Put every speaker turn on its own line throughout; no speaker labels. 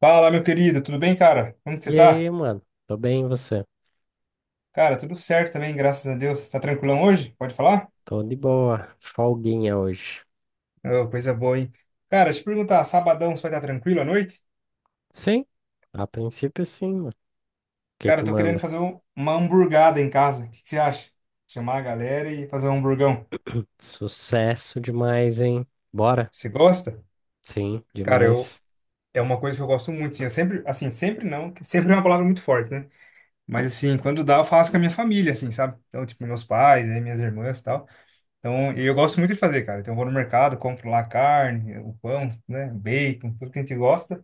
Fala, meu querido, tudo bem, cara? Como que você
E aí,
tá?
mano? Tô bem, e você?
Cara, tudo certo também, graças a Deus. Tá tranquilão hoje? Pode falar?
Tô de boa. Folguinha hoje.
Ô, coisa boa, hein? Cara, deixa eu te perguntar, sabadão você vai estar tranquilo à noite?
Sim, a princípio sim, mano. O que
Cara,
que
eu tô querendo
manda?
fazer uma hamburgada em casa. O que que você acha? Chamar a galera e fazer um hamburgão.
Sucesso demais, hein? Bora?
Você gosta?
Sim,
Cara, eu
demais.
é uma coisa que eu gosto muito, sim. Eu sempre, assim, sempre não, que sempre é uma palavra muito forte, né? Mas assim, quando dá, eu faço com a minha família, assim, sabe? Então, tipo, meus pais, aí, minhas irmãs, e tal. Então, e eu gosto muito de fazer, cara. Então, eu vou no mercado, compro lá a carne, o pão, né, bacon, tudo que a gente gosta.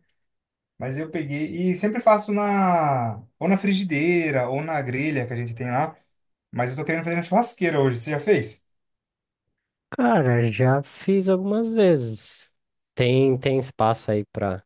Mas eu peguei e sempre faço na ou na frigideira ou na grelha que a gente tem lá. Mas eu tô querendo fazer na churrasqueira hoje. Você já fez?
Cara, já fiz algumas vezes. Tem espaço aí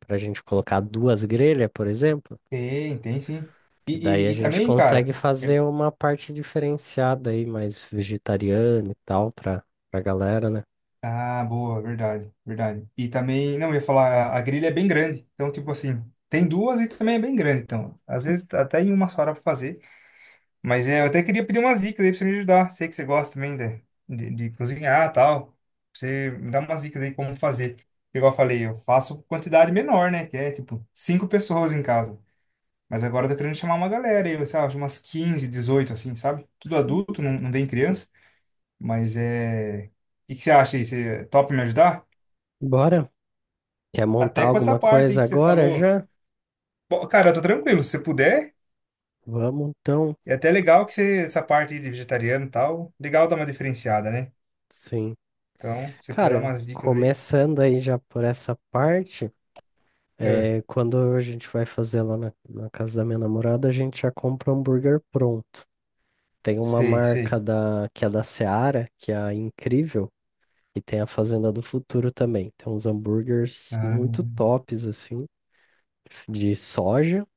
pra gente colocar duas grelhas, por exemplo?
Tem, tem sim. E,
Que daí a
e
gente
também,
consegue
cara. é-
fazer uma parte diferenciada aí, mais vegetariana e tal, pra galera, né?
Ah, boa, verdade, verdade. E também, não, eu ia falar, a grelha é bem grande. Então, tipo assim, tem duas e também é bem grande. Então, às vezes até em uma só hora pra fazer. Mas é, eu até queria pedir umas dicas aí pra você me ajudar. Sei que você gosta também de cozinhar e tal. Pra Você me dá umas dicas aí como fazer. Igual eu falei, eu faço quantidade menor, né? Que é tipo cinco pessoas em casa. Mas agora eu tô querendo chamar uma galera aí, sei lá, umas 15 18 assim, sabe? Tudo adulto, não, não tem criança. Mas é. O que, que você acha aí? Você topa me ajudar?
Bora? Quer montar
Até com essa
alguma
parte aí
coisa
que você
agora
falou.
já?
Bom, cara, eu tô tranquilo. Se você puder,
Vamos então,
é até legal que você, essa parte aí de vegetariano e tal. Legal dar uma diferenciada, né?
sim.
Então, se você puder dar
Cara,
umas dicas aí.
começando aí já por essa parte,
É,
é, quando a gente vai fazer lá na casa da minha namorada, a gente já compra um hambúrguer pronto. Tem uma
sei,
marca
sei.
que é da Seara, que é a Incrível, e tem a Fazenda do Futuro também. Tem uns hambúrgueres
Ah,
muito tops, assim, de soja.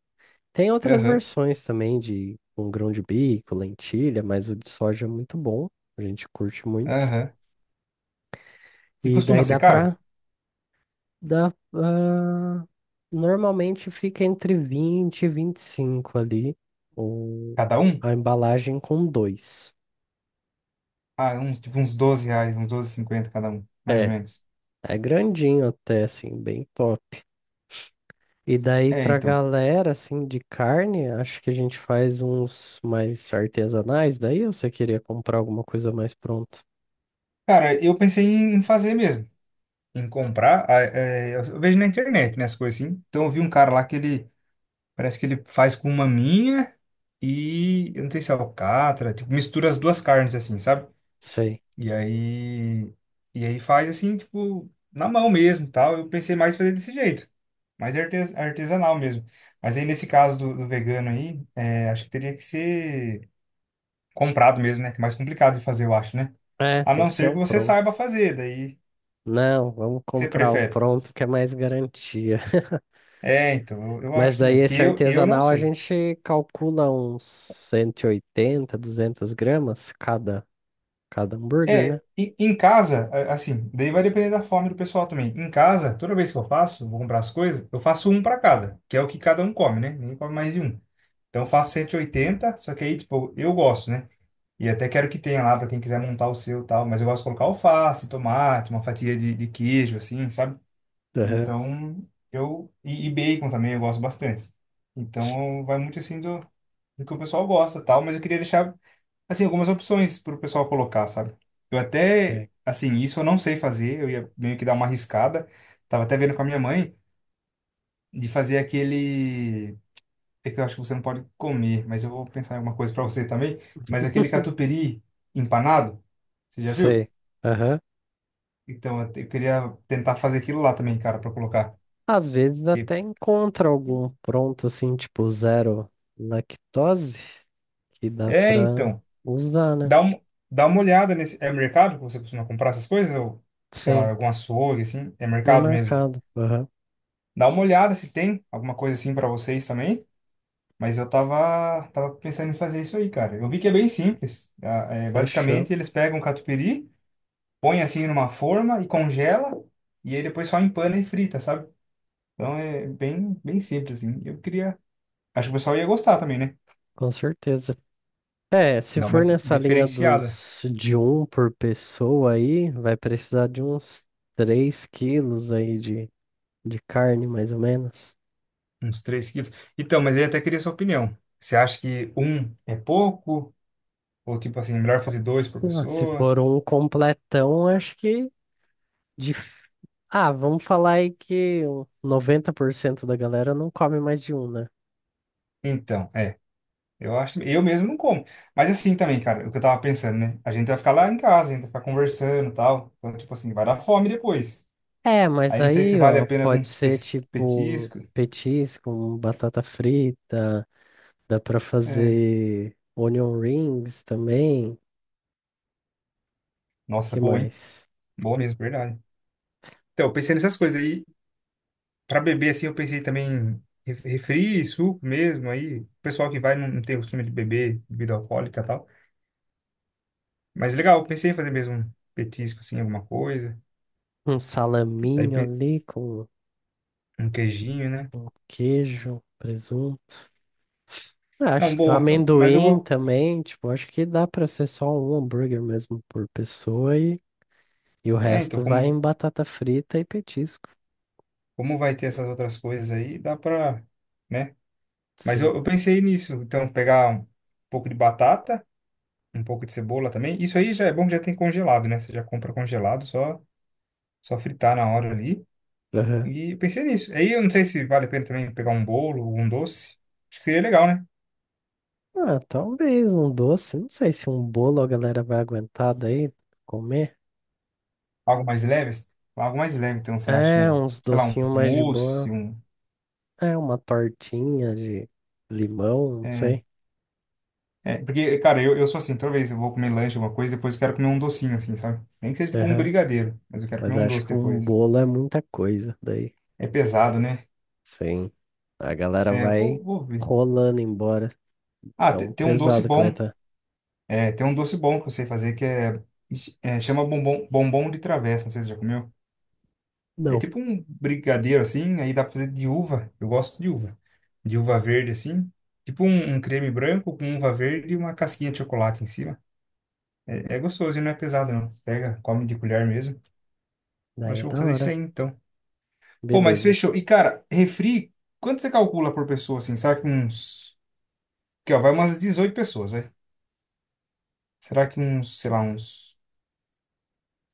Tem outras
aham,
versões também de um grão de bico, lentilha, mas o de soja é muito bom. A gente curte muito.
aham. E
E
costuma
daí
ser
dá
caro?
pra Dá, normalmente fica entre 20 e 25 ali, o,
Cada um?
a embalagem com dois.
Ah, uns, tipo uns R$ 12, uns 12,50 cada um, mais ou
É,
menos.
é grandinho até, assim, bem top. E daí
É,
pra
então.
galera, assim, de carne, acho que a gente faz uns mais artesanais, daí ou você queria comprar alguma coisa mais pronta?
Cara, eu pensei em fazer mesmo, em comprar. Ah, é, eu vejo na internet, né, as coisas assim. Então eu vi um cara lá que ele, parece que ele faz com maminha e, eu não sei se é alcatra, tipo, mistura as duas carnes assim, sabe?
Sei.
E aí, e aí faz assim, tipo, na mão mesmo, tal. Eu pensei mais em fazer desse jeito, mais artesanal mesmo. Mas aí nesse caso do vegano aí, é, acho que teria que ser comprado mesmo, né? Que é mais complicado de fazer, eu acho, né?
É,
A
tem
não
que ser
ser
um
que você saiba
pronto.
fazer, daí o que
Não, vamos
você
comprar o
prefere.
pronto que é mais garantia.
É, então, eu
Mas
acho
daí
também, porque
esse
eu não
artesanal a
sei.
gente calcula uns 180, 200 gramas cada, cada hambúrguer, né?
É, em casa, assim, daí vai depender da fome do pessoal também. Em casa, toda vez que eu faço, vou comprar as coisas, eu faço um para cada, que é o que cada um come, né? Ninguém come mais de um. Então eu faço 180, só que aí, tipo, eu gosto, né? E até quero que tenha lá para quem quiser montar o seu e tal. Mas eu gosto de colocar alface, tomate, uma fatia de queijo, assim, sabe?
Aham.
Então, eu. E bacon também eu gosto bastante. Então, vai muito assim do, do que o pessoal gosta e tal. Mas eu queria deixar, assim, algumas opções para o pessoal colocar, sabe? Eu até.
Sei.
Assim, isso eu não sei fazer. Eu ia meio que dar uma arriscada. Tava até vendo com a minha mãe de fazer aquele. É que eu acho que você não pode comer, mas eu vou pensar em alguma coisa para você também. Mas aquele catupiry empanado, você já viu?
Sei. Aham.
Então, eu, eu queria tentar fazer aquilo lá também, cara, para colocar.
Às vezes
E-
até encontra algum pronto assim, tipo zero lactose, que dá
É,
pra
então,
usar, né?
dá, um, dá uma olhada nesse... É mercado que você costuma comprar essas coisas? Ou, sei lá,
Sim,
algum açougue, assim? É
no
mercado mesmo.
mercado. Aham.
Dá uma olhada se tem alguma coisa assim para vocês também. Mas eu tava pensando em fazer isso aí, cara. Eu vi que é bem simples. Ah, é,
Fechou.
basicamente, eles pegam um catupiry, põe assim numa forma e congela, e aí depois só empana e frita, sabe? Então é bem, bem simples, assim. Eu queria. Acho que o pessoal ia gostar também, né?
Com certeza. É, se
Dá
for
uma
nessa linha
diferenciada,
dos de um por pessoa aí, vai precisar de uns 3 quilos aí de carne, mais ou menos.
uns 3 quilos. Então, mas aí até queria sua opinião. Você acha que um é pouco? Ou tipo assim, melhor fazer dois por
Ah, se
pessoa?
for um completão, acho que de... Ah, vamos falar aí que o 90% da galera não come mais de um, né?
Então, é. Eu acho, eu mesmo não como. Mas assim também, cara, o que eu tava pensando, né? A gente vai ficar lá em casa, a gente vai ficar conversando e tal. Então, tipo assim, vai dar fome depois.
É, mas
Aí não sei se
aí,
vale a
ó,
pena
pode
alguns
ser tipo um
petiscos.
petisco, um batata frita, dá pra
É.
fazer onion rings também,
Nossa,
que
boa, hein?
mais?
Boa mesmo, verdade. Então, eu pensei nessas coisas aí. Pra beber, assim, eu pensei também em refri, suco mesmo. Aí, o pessoal que vai não, não tem costume de beber bebida alcoólica e tal. Mas legal, eu pensei em fazer mesmo um petisco, assim, alguma coisa.
Um
Daí,
salaminho ali com
um queijinho, né?
um queijo, presunto. Ah, acho,
Não, boa. Mas eu
amendoim
vou.
também, tipo, acho que dá pra ser só um hambúrguer mesmo por pessoa e o
É, então,
resto vai em
como,
batata frita e petisco.
como vai ter essas outras coisas aí, dá pra. Né? Mas
Sim.
eu pensei nisso. Então, pegar um pouco de batata, um pouco de cebola também. Isso aí já é bom que já tem congelado, né? Você já compra congelado, só. Só fritar na hora ali.
Aham.
E pensei nisso. Aí eu não sei se vale a pena também pegar um bolo ou um doce. Acho que seria legal, né?
Ah, talvez um doce, não sei se um bolo a galera vai aguentar daí comer.
Algo mais leve. Algo mais leve, então você acha
É,
um,
uns
sei lá, um
docinhos mais de
mousse,
boa.
um.
É, uma tortinha de limão, não
É,
sei.
é, porque, cara, eu sou assim, toda vez eu vou comer lanche, alguma coisa, depois eu quero comer um docinho, assim, sabe? Nem que seja tipo um
Aham.
brigadeiro, mas eu quero
Mas
comer um
acho
doce
que um
depois.
bolo é muita coisa daí.
É pesado, né?
Sim. A galera
É,
vai
vou ver.
rolando embora.
Ah,
Tão
tem um doce
pesado que vai
bom.
estar.
É, tem um doce bom que eu sei fazer que é, é chama bombom, bombom de travessa. Não sei se você já comeu. É
Não.
tipo um brigadeiro assim, aí dá pra fazer de uva. Eu gosto de uva. De uva verde assim. Tipo um, um creme branco com uva verde e uma casquinha de chocolate em cima. É, é gostoso e não é pesado não. Pega, come de colher mesmo. Eu
Daí
acho
é
que eu vou
da
fazer isso
hora.
aí então. Pô, mas
Beleza.
fechou. E cara, refri, quanto você calcula por pessoa assim? Será que uns. Que ó, vai umas 18 pessoas, né? Será que uns, sei lá, uns.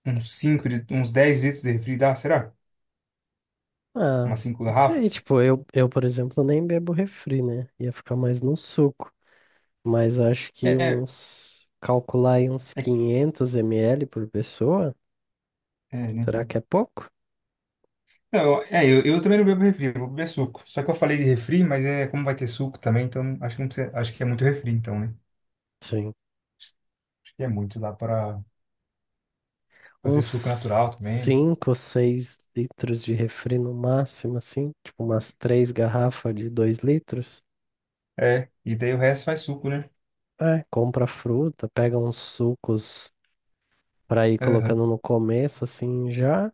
Uns 5 de, uns 10 litros de refri dá? Será?
Ah,
Umas 5
não sei.
garrafas?
Tipo, eu, por exemplo, nem bebo refri, né? Ia ficar mais no suco. Mas acho que
É,
uns. Calcular aí uns
é,
500 ml por pessoa.
é, né?
Será que é pouco?
Não, é, eu também não bebo refri, eu vou beber suco. Só que eu falei de refri, mas é como vai ter suco também, então acho que não precisa, acho que é muito refri, então, né?
Sim.
Acho que é muito, dá para fazer suco
Uns
natural também.
5, 6 litros de refri no máximo, assim. Tipo, umas três garrafas de 2 litros.
É, e daí o resto faz suco, né?
É, compra fruta, pega uns sucos para ir
Aham.
colocando no começo, assim, já.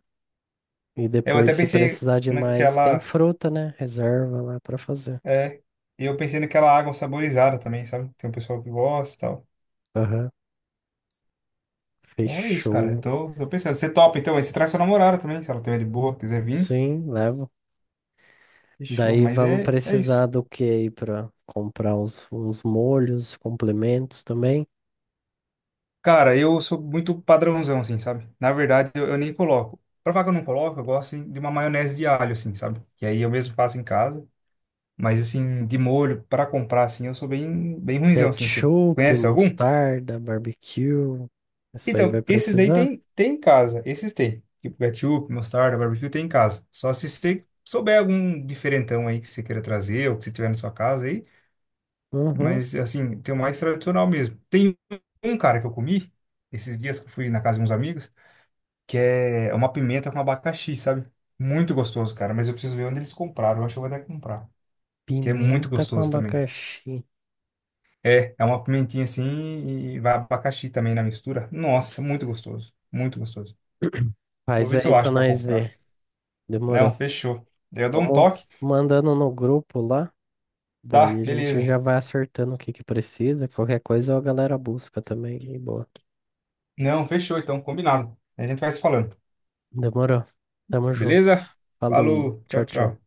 E
Eu
depois,
até
se
pensei
precisar de mais, tem
naquela,
fruta, né? Reserva lá para fazer.
é, eu pensei naquela água saborizada também, sabe? Tem um pessoal que gosta e tal.
Aham,
Então é isso, cara. Eu
fechou.
tô pensando, você topa, então, aí você traz sua namorada também, se ela tiver de boa, quiser vir.
Sim, levo.
Fechou,
Daí
mas
vamos
é, é
precisar
isso.
do que aí para comprar uns molhos, complementos também.
Cara, eu sou muito padrãozão, assim, sabe? Na verdade, eu nem coloco. Pra falar que eu não coloco, eu gosto assim, de uma maionese de alho, assim, sabe? Que aí eu mesmo faço em casa. Mas, assim, de molho, pra comprar, assim, eu sou bem, bem ruinzão, assim. Você
Ketchup,
conhece algum?
mostarda, barbecue. Isso aí vai
Então, esses daí
precisar?
tem em casa. Esses tem. Tipo, ketchup, mostarda, barbecue tem em casa. Só se você souber algum diferentão aí que você queira trazer ou que você tiver na sua casa aí.
Uhum.
Mas, assim, tem o mais tradicional mesmo. Tem um, cara, que eu comi esses dias que eu fui na casa de uns amigos, que é é uma pimenta com abacaxi, sabe? Muito gostoso, cara, mas eu preciso ver onde eles compraram, eu acho que eu vou até comprar, que é muito
Pimenta com
gostoso também.
abacaxi.
É uma pimentinha assim e vai abacaxi também na mistura. Nossa, muito gostoso, muito gostoso. Vou
Faz
ver se
aí
eu
para
acho pra
nós
comprar.
ver.
Não,
Demorou.
fechou. Eu dou um
Vamos
toque.
mandando no grupo lá, daí
Tá,
a gente
beleza.
já vai acertando o que que precisa. Qualquer coisa a galera busca também. E boa.
Não, fechou então, combinado. A gente vai se falando.
Demorou. Tamo junto.
Beleza?
Falou.
Falou,
Tchau,
tchau,
tchau.
tchau.